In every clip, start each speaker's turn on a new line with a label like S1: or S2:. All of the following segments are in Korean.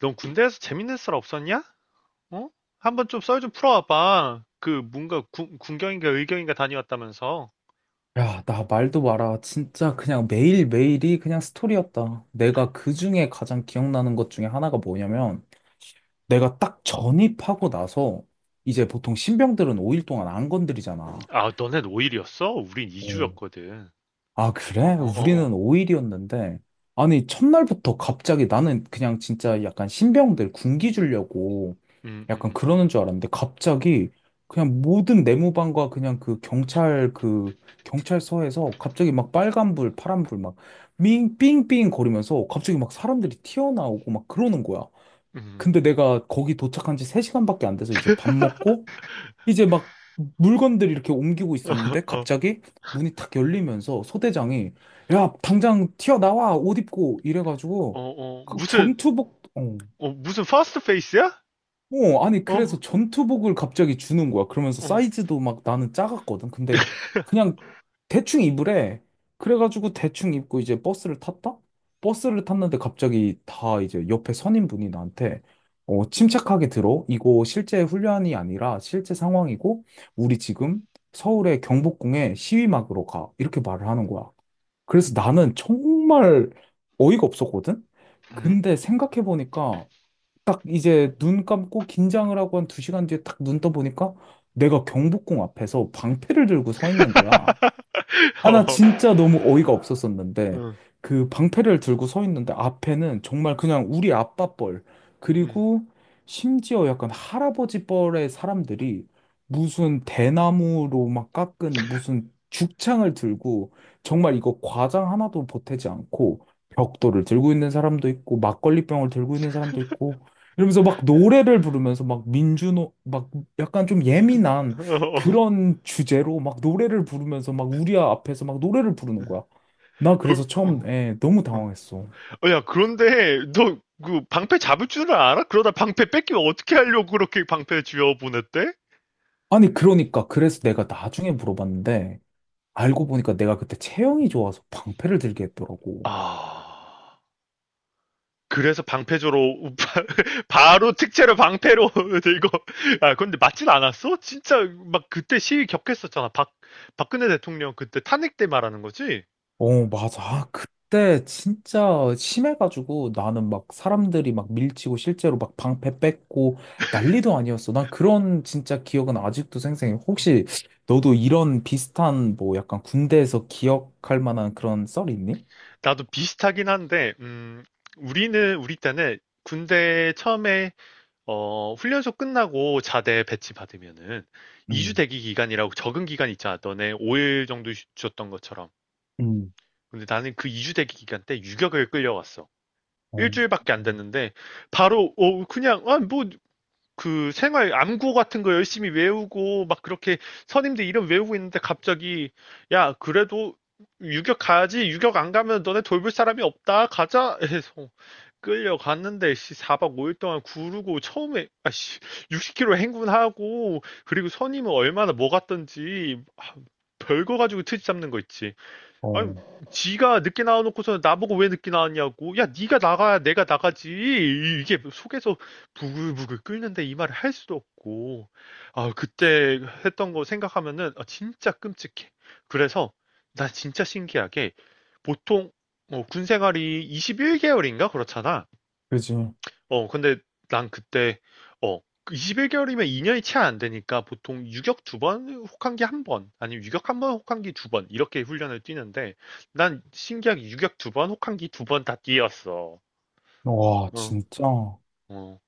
S1: 넌 군대에서 재밌는 썰 없었냐? 어? 한번 좀 썰 좀 풀어와봐. 그 뭔가 군경인가 의경인가 다녀왔다면서.
S2: 야, 나 말도 마라. 진짜 그냥 매일매일이 그냥 스토리였다. 내가 그 중에 가장 기억나는 것 중에 하나가 뭐냐면, 내가 딱 전입하고 나서, 이제 보통 신병들은 5일 동안 안 건드리잖아.
S1: 아, 너네 5일이었어? 우린
S2: 어.
S1: 2주였거든.
S2: 아,
S1: 어,
S2: 그래?
S1: 어, 어, 어.
S2: 우리는 5일이었는데. 아니, 첫날부터 갑자기 나는 그냥 진짜 약간 신병들 군기 주려고
S1: 음, 음,
S2: 약간
S1: 음, 음.
S2: 그러는 줄 알았는데 갑자기 그냥 모든 내무반과 그냥 그 경찰 그 경찰서에서 갑자기 막 빨간불, 파란불 막 삥삥삥 거리면서 갑자기 막 사람들이 튀어나오고 막 그러는 거야.
S1: 음.
S2: 근데 내가 거기 도착한 지 3시간밖에 안 돼서 이제 밥 먹고 이제 막 물건들 이렇게 옮기고 있었는데
S1: 어,
S2: 갑자기 문이 탁 열리면서 소대장이 야, 당장 튀어나와! 옷 입고!
S1: 어,
S2: 이래가지고
S1: 어.
S2: 그 전투복,
S1: 무슨 퍼스트 페이스야?
S2: 아니,
S1: 어,
S2: 그래서 전투복을 갑자기 주는 거야. 그러면서
S1: 어,
S2: 사이즈도 막 나는 작았거든. 근데 그냥 대충 입으래. 그래가지고 대충 입고 이제 버스를 탔다? 버스를 탔는데 갑자기 다 이제 옆에 선임분이 나한테 침착하게 들어. 이거 실제 훈련이 아니라 실제 상황이고, 우리 지금 서울의 경복궁에 시위 막으로 가. 이렇게 말을 하는 거야. 그래서 나는 정말 어이가 없었거든?
S1: 음?
S2: 근데 생각해보니까 딱 이제 눈 감고 긴장을 하고 한 두 시간 뒤에 딱 눈 떠보니까 내가 경복궁 앞에서 방패를 들고 서 있는 거야. 아, 나
S1: 어,
S2: 진짜 너무 어이가 없었었는데,
S1: 음,
S2: 그 방패를 들고 서 있는데, 앞에는 정말 그냥 우리 아빠 뻘,
S1: 음.
S2: 그리고 심지어 약간 할아버지 뻘의 사람들이 무슨 대나무로 막 깎은 무슨 죽창을 들고, 정말 이거 과장 하나도 보태지 않고, 벽돌을 들고 있는 사람도 있고, 막걸리병을 들고 있는 사람도 있고, 이러면서 막 노래를 부르면서 막 민주노, 막 약간 좀 예민한
S1: 어, 어,
S2: 그런 주제로 막 노래를 부르면서 막 우리 앞에서 막 노래를 부르는
S1: 음,
S2: 거야. 나 그래서
S1: 어,
S2: 처음에 너무
S1: 어,
S2: 당황했어.
S1: 어, 야, 그런데 너 그 방패 잡을 줄 알아? 그러다 방패 뺏기면 어떻게 하려고 그렇게 방패 쥐어 보냈대?
S2: 아니, 그러니까 그래서 내가 나중에 물어봤는데 알고 보니까 내가 그때 체형이 좋아서 방패를 들게 했더라고.
S1: 아, 그래서 방패조로 바로 특채로 방패로 이거. 아 근데 맞진 않았어? 진짜 막 그때 시위 격했었잖아. 박 박근혜 대통령 그때 탄핵 때 말하는 거지?
S2: 어, 맞아. 아, 그때 진짜 심해가지고 나는 막 사람들이 막 밀치고 실제로 막 방패 뺏고 난리도 아니었어. 난 그런 진짜 기억은 아직도 생생해.
S1: 어.
S2: 혹시 너도 이런 비슷한 뭐 약간 군대에서 기억할 만한 그런 썰이 있니?
S1: 나도 비슷하긴 한데 우리 때는 군대 처음에 훈련소 끝나고 자대 배치 받으면은 2주
S2: 음,
S1: 대기 기간이라고 적응 기간 있잖아. 너네 5일 정도 주 줬던 것처럼.
S2: 음,
S1: 근데 나는 그 2주 대기 기간 때 유격을 끌려갔어.
S2: 어,
S1: 일주일밖에 안 됐는데 바로 그냥 뭐 그 생활 암구 같은 거 열심히 외우고 막 그렇게 선임들 이름 외우고 있는데 갑자기, 야 그래도 유격 가야지 유격 안 가면 너네 돌볼 사람이 없다 가자 해서 끌려갔는데, 씨 4박 5일 동안 구르고 처음에 아씨 60 km 행군하고. 그리고 선임은 얼마나 뭐 갔던지, 별거 가지고 트집 잡는 거 있지. 아니,
S2: 어,
S1: 지가 늦게 나와놓고서 나보고 왜 늦게 나왔냐고. 야, 네가 나가야 내가 나가지. 이게 속에서 부글부글 끓는데 이 말을 할 수도 없고. 아, 그때 했던 거 생각하면은 아, 진짜 끔찍해. 그래서 나 진짜 신기하게 보통 뭐군 생활이 21개월인가 그렇잖아.
S2: 그지.
S1: 근데 난 그때, 어, 21개월이면 2년이 채 안 되니까 보통 유격 두 번, 혹한기 한 번, 아니면 유격 한 번, 혹한기 두 번, 이렇게 훈련을 뛰는데, 난 신기하게 유격 두 번, 혹한기 두 번 다 뛰었어.
S2: 와,
S1: 어,
S2: 진짜.
S1: 어,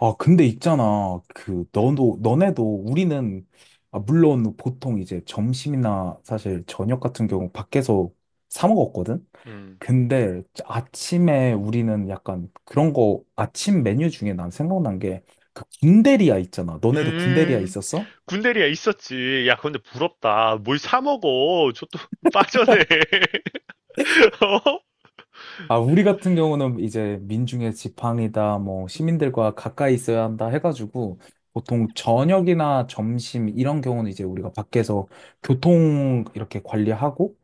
S2: 아, 근데 있잖아. 그, 너도, 너네도 우리는, 아, 물론 보통 이제 점심이나 사실 저녁 같은 경우 밖에서 사 먹었거든?
S1: 음.
S2: 근데 아침에 우리는 약간 그런 거, 아침 메뉴 중에 난 생각난 게, 그 군대리아 있잖아. 너네도 군대리아
S1: 음,
S2: 있었어?
S1: 군대리야 있었지. 야, 근데 부럽다. 뭘 사 먹어. 저 또 빠졌네. 어?
S2: 아, 우리 같은 경우는 이제 민중의 지팡이다, 뭐, 시민들과 가까이 있어야 한다 해가지고, 보통 저녁이나 점심, 이런 경우는 이제 우리가 밖에서 교통 이렇게 관리하고,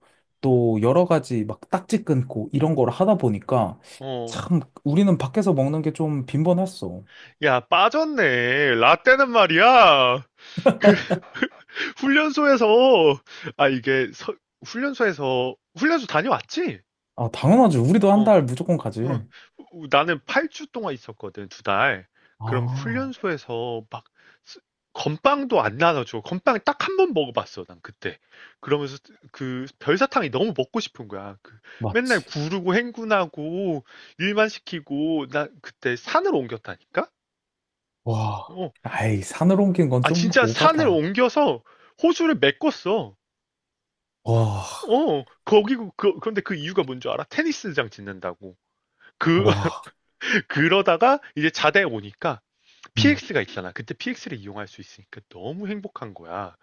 S2: 또 여러 가지 막 딱지 끊고 이런 걸 하다 보니까,
S1: 어.
S2: 참, 우리는 밖에서 먹는 게 좀 빈번했어.
S1: 야, 빠졌네. 라떼는 말이야. 훈련소에서 아 이게 서- 훈련소에서 훈련소 다녀왔지?
S2: 아, 당연하지. 우리도 한
S1: 어,
S2: 달 무조건 가지.
S1: 응. 나는 8주 동안 있었거든, 두 달. 그럼
S2: 아,
S1: 훈련소에서 막 쓰- 건빵도 안 나눠줘. 건빵 딱 한 번 먹어봤어, 난 그때. 그러면서 그 별사탕이 너무 먹고 싶은 거야. 그 맨날
S2: 맞지.
S1: 구르고 행군하고 일만 시키고 나 그때 산을 옮겼다니까?
S2: 와,
S1: 어,
S2: 아이, 산으로 옮긴 건
S1: 아
S2: 좀
S1: 진짜 산을
S2: 오바다.
S1: 옮겨서 호수를 메꿨어.
S2: 와,
S1: 어, 거기고, 그런데 그 이유가 뭔 줄 알아? 테니스장 짓는다고. 그,
S2: 와,
S1: 그러다가 이제 자대 오니까
S2: 음,
S1: PX가 있잖아. 그때 PX를 이용할 수 있으니까 너무 행복한 거야.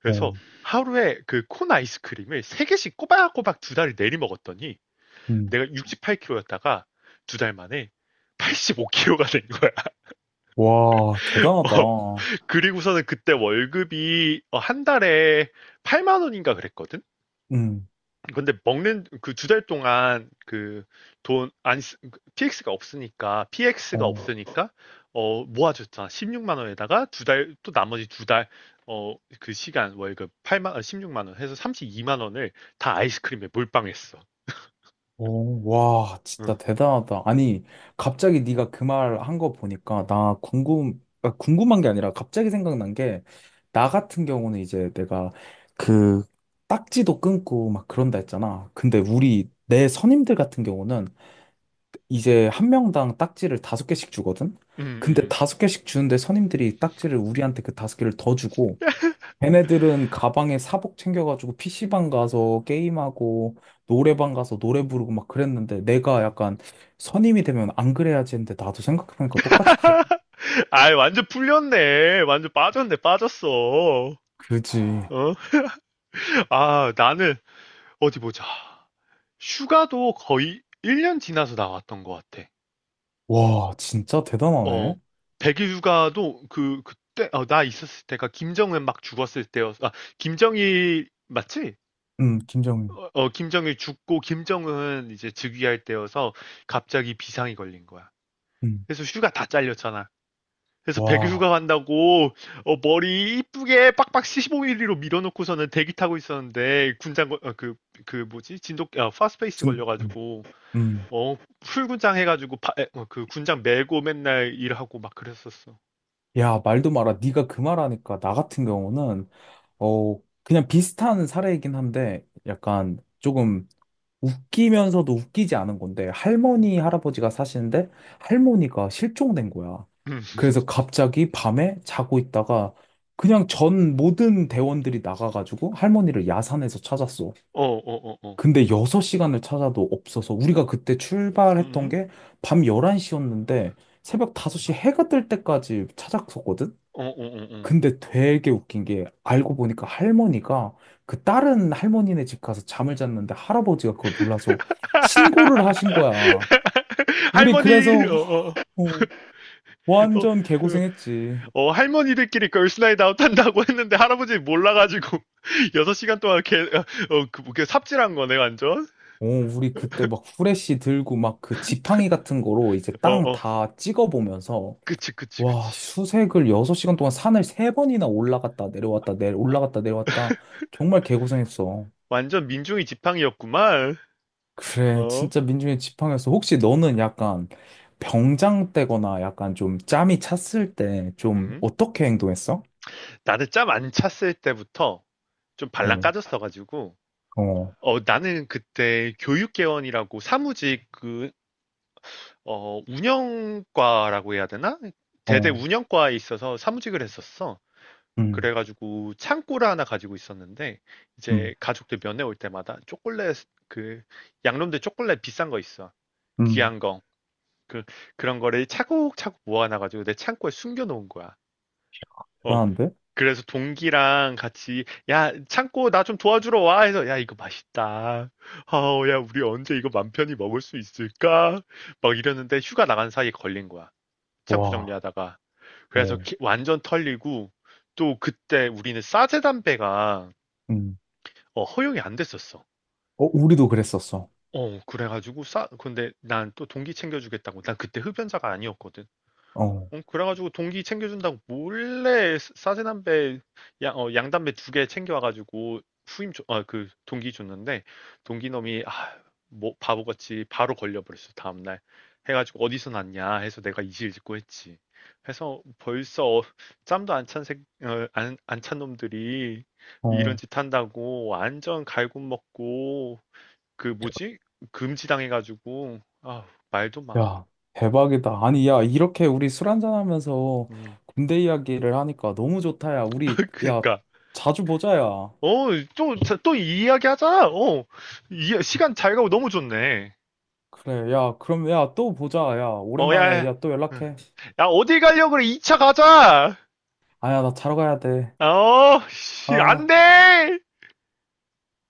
S1: 그래서
S2: 어,
S1: 하루에 그 콘 아이스크림을 세개씩 꼬박꼬박 두 달을 내리 먹었더니
S2: 음.
S1: 내가 68kg였다가 두 달 만에 85kg가 된 거야.
S2: 와,
S1: 어,
S2: 대단하다.
S1: 그리고서는 그때 월급이 한 달에 8만 원인가 그랬거든?
S2: 응.
S1: 근데 먹는 그 두 달 동안 그 돈안 PX가
S2: 어.
S1: 없으니까 모아줬잖아. 16만 원에다가 두 달 또 나머지 두 달 그 시간 월급 16만 원 해서 32만 원을 다 아이스크림에 몰빵했어.
S2: 오, 와, 진짜
S1: 응.
S2: 대단하다. 아니, 갑자기 네가 그 말 한 거 보니까 나 궁금 아, 궁금한 게 아니라 갑자기 생각난 게 나 같은 경우는 이제 내가 그 딱지도 끊고 막 그런다 했잖아. 근데 우리 내 선임들 같은 경우는 이제 한 명당 딱지를 다섯 개씩 주거든.
S1: 응,
S2: 근데
S1: 응,
S2: 다섯 개씩 주는데 선임들이 딱지를 우리한테 그 다섯 개를 더 주고 걔네들은 가방에 사복 챙겨가지고 PC방 가서 게임하고 노래방 가서 노래 부르고 막 그랬는데 내가
S1: 응.
S2: 약간 선임이 되면 안 그래야지 했는데 나도 생각해보니까 똑같이 그랬
S1: 아, 완전 풀렸네. 완전 빠졌네. 빠졌어.
S2: 그지.
S1: 어? 아, 나는 어디 보자. 휴가도 거의 1년 지나서 나왔던 것 같아.
S2: 와, 진짜
S1: 어,
S2: 대단하네.
S1: 백일 휴가도 그, 그때, 나 있었을 때가 김정은 막 죽었을 때였어. 아, 김정일, 맞지?
S2: 김정은.
S1: 어, 어, 김정일 죽고 김정은 이제 즉위할 때여서 갑자기 비상이 걸린 거야.
S2: 음,
S1: 그래서 휴가 다 잘렸잖아. 그래서 백일
S2: 와,
S1: 휴가 간다고 머리 이쁘게 빡빡 15 mm로 밀어놓고서는 대기 타고 있었는데 군장 걸- 어, 그, 그 뭐지? 파스페이스
S2: 진, 음,
S1: 걸려가지고
S2: 음.
S1: 풀군장 해가지고 그 군장 메고 맨날 일하고 막 그랬었어.
S2: 야, 말도 마라. 네가 그 말하니까 나 같은 경우는 어 그냥 비슷한 사례이긴 한데 약간 조금 웃기면서도 웃기지 않은 건데, 할머니, 할아버지가 사시는데, 할머니가 실종된 거야.
S1: 음.
S2: 그래서 갑자기 밤에 자고 있다가, 그냥 전 모든 대원들이 나가가지고 할머니를 야산에서 찾았어.
S1: 어, 어, 어, 어.
S2: 근데 6시간을 찾아도 없어서, 우리가 그때 출발했던
S1: 음?
S2: 게 밤 11시였는데, 새벽 5시 해가 뜰 때까지 찾았었거든?
S1: 어, 어, 어, 어.
S2: 근데 되게 웃긴 게 알고 보니까 할머니가 그 다른 할머니네 집 가서 잠을 잤는데 할아버지가 그걸 몰라서 신고를 하신 거야. 우리
S1: 할머니, 어,
S2: 그래서
S1: 어, 어,
S2: 어, 완전 개고생했지.
S1: 어, 할머니들끼리 걸스나잇 아웃 한다고 했는데 할아버지 몰라가지고 6시간 동안 어, 그, 뭐, 그 삽질한 거네, 완전.
S2: 어, 우리 그때 막 후레쉬 들고 막 그 지팡이 같은 거로 이제
S1: 어,
S2: 땅
S1: 어.
S2: 다 찍어보면서
S1: 그치, 그치,
S2: 와,
S1: 그치.
S2: 수색을 6시간 동안 산을 세번이나 올라갔다 내려왔다 내
S1: 아,
S2: 올라갔다 내려왔다 정말 개고생했어.
S1: 완전 민중이 지팡이였구만.
S2: 그래,
S1: 어,
S2: 진짜 민중의 지팡이였어. 혹시 너는 약간 병장 때거나 약간 좀 짬이 찼을 때 좀
S1: 음.
S2: 어떻게 행동했어?
S1: 나는 짬 안 찼을 때부터 좀 발랑
S2: 어,
S1: 까졌어가지고.
S2: 어,
S1: 나는 그때 교육개원이라고 사무직 그 운영과라고 해야 되나? 대대
S2: 어,
S1: 운영과에 있어서 사무직을 했었어.
S2: 음,
S1: 그래가지고 창고를 하나 가지고 있었는데
S2: 음,
S1: 이제 가족들 면회 올 때마다 초콜릿, 그 양놈들 초콜릿 비싼 거 있어.
S2: 음.
S1: 귀한 거. 그 그런 거를 차곡차곡 모아놔가지고 내 창고에 숨겨놓은 거야. 어,
S2: 대단한데?
S1: 그래서 동기랑 같이, 야, 창고 나 좀 도와주러 와 해서, 야, 이거 맛있다. 아우, 야, 우리 언제 이거 맘 편히 먹을 수 있을까? 막 이러는데 휴가 나간 사이에 걸린 거야. 창고
S2: 와,
S1: 정리하다가. 그래서
S2: 어,
S1: 완전 털리고. 또 그때 우리는 싸제 담배가
S2: 음.
S1: 허용이 안 됐었어.
S2: 어, 우리도 그랬었어.
S1: 그래가지고 싸 근데 난 또 동기 챙겨주겠다고, 난 그때 흡연자가 아니었거든.
S2: 어,
S1: 그래가지고 동기 챙겨준다고 몰래 사 싸세남배 양, 어, 양담배 두 개 챙겨와가지고 그 동기 줬는데, 동기 놈이 뭐 바보같이 바로 걸려버렸어 다음날. 해가지고 어디서 났냐 해서 내가 이실직고 했지. 해서 벌써 짬도 안 찬 색, 어, 안, 안 찬 놈들이 이런
S2: 어,
S1: 짓 한다고 완전 갈굼 먹고, 그 뭐지, 금지당해가지고 말도 마.
S2: 야, 대박이다. 아니, 야, 이렇게 우리 술 한잔하면서
S1: 음.
S2: 군대 이야기를 하니까 너무 좋다, 야. 우리, 야,
S1: 그니까
S2: 자주 보자, 야.
S1: 어, 또 이야기하자. 어, 이, 시간 잘 가고 너무 좋네.
S2: 그래, 야, 그럼, 야, 또 보자, 야.
S1: 어, 야,
S2: 오랜만에,
S1: 야,
S2: 야, 또
S1: 응.
S2: 연락해.
S1: 야, 어디 가려고 그래? 2차 가자.
S2: 아야, 나 자러 가야 돼.
S1: 어, 씨, 안
S2: 아,
S1: 돼!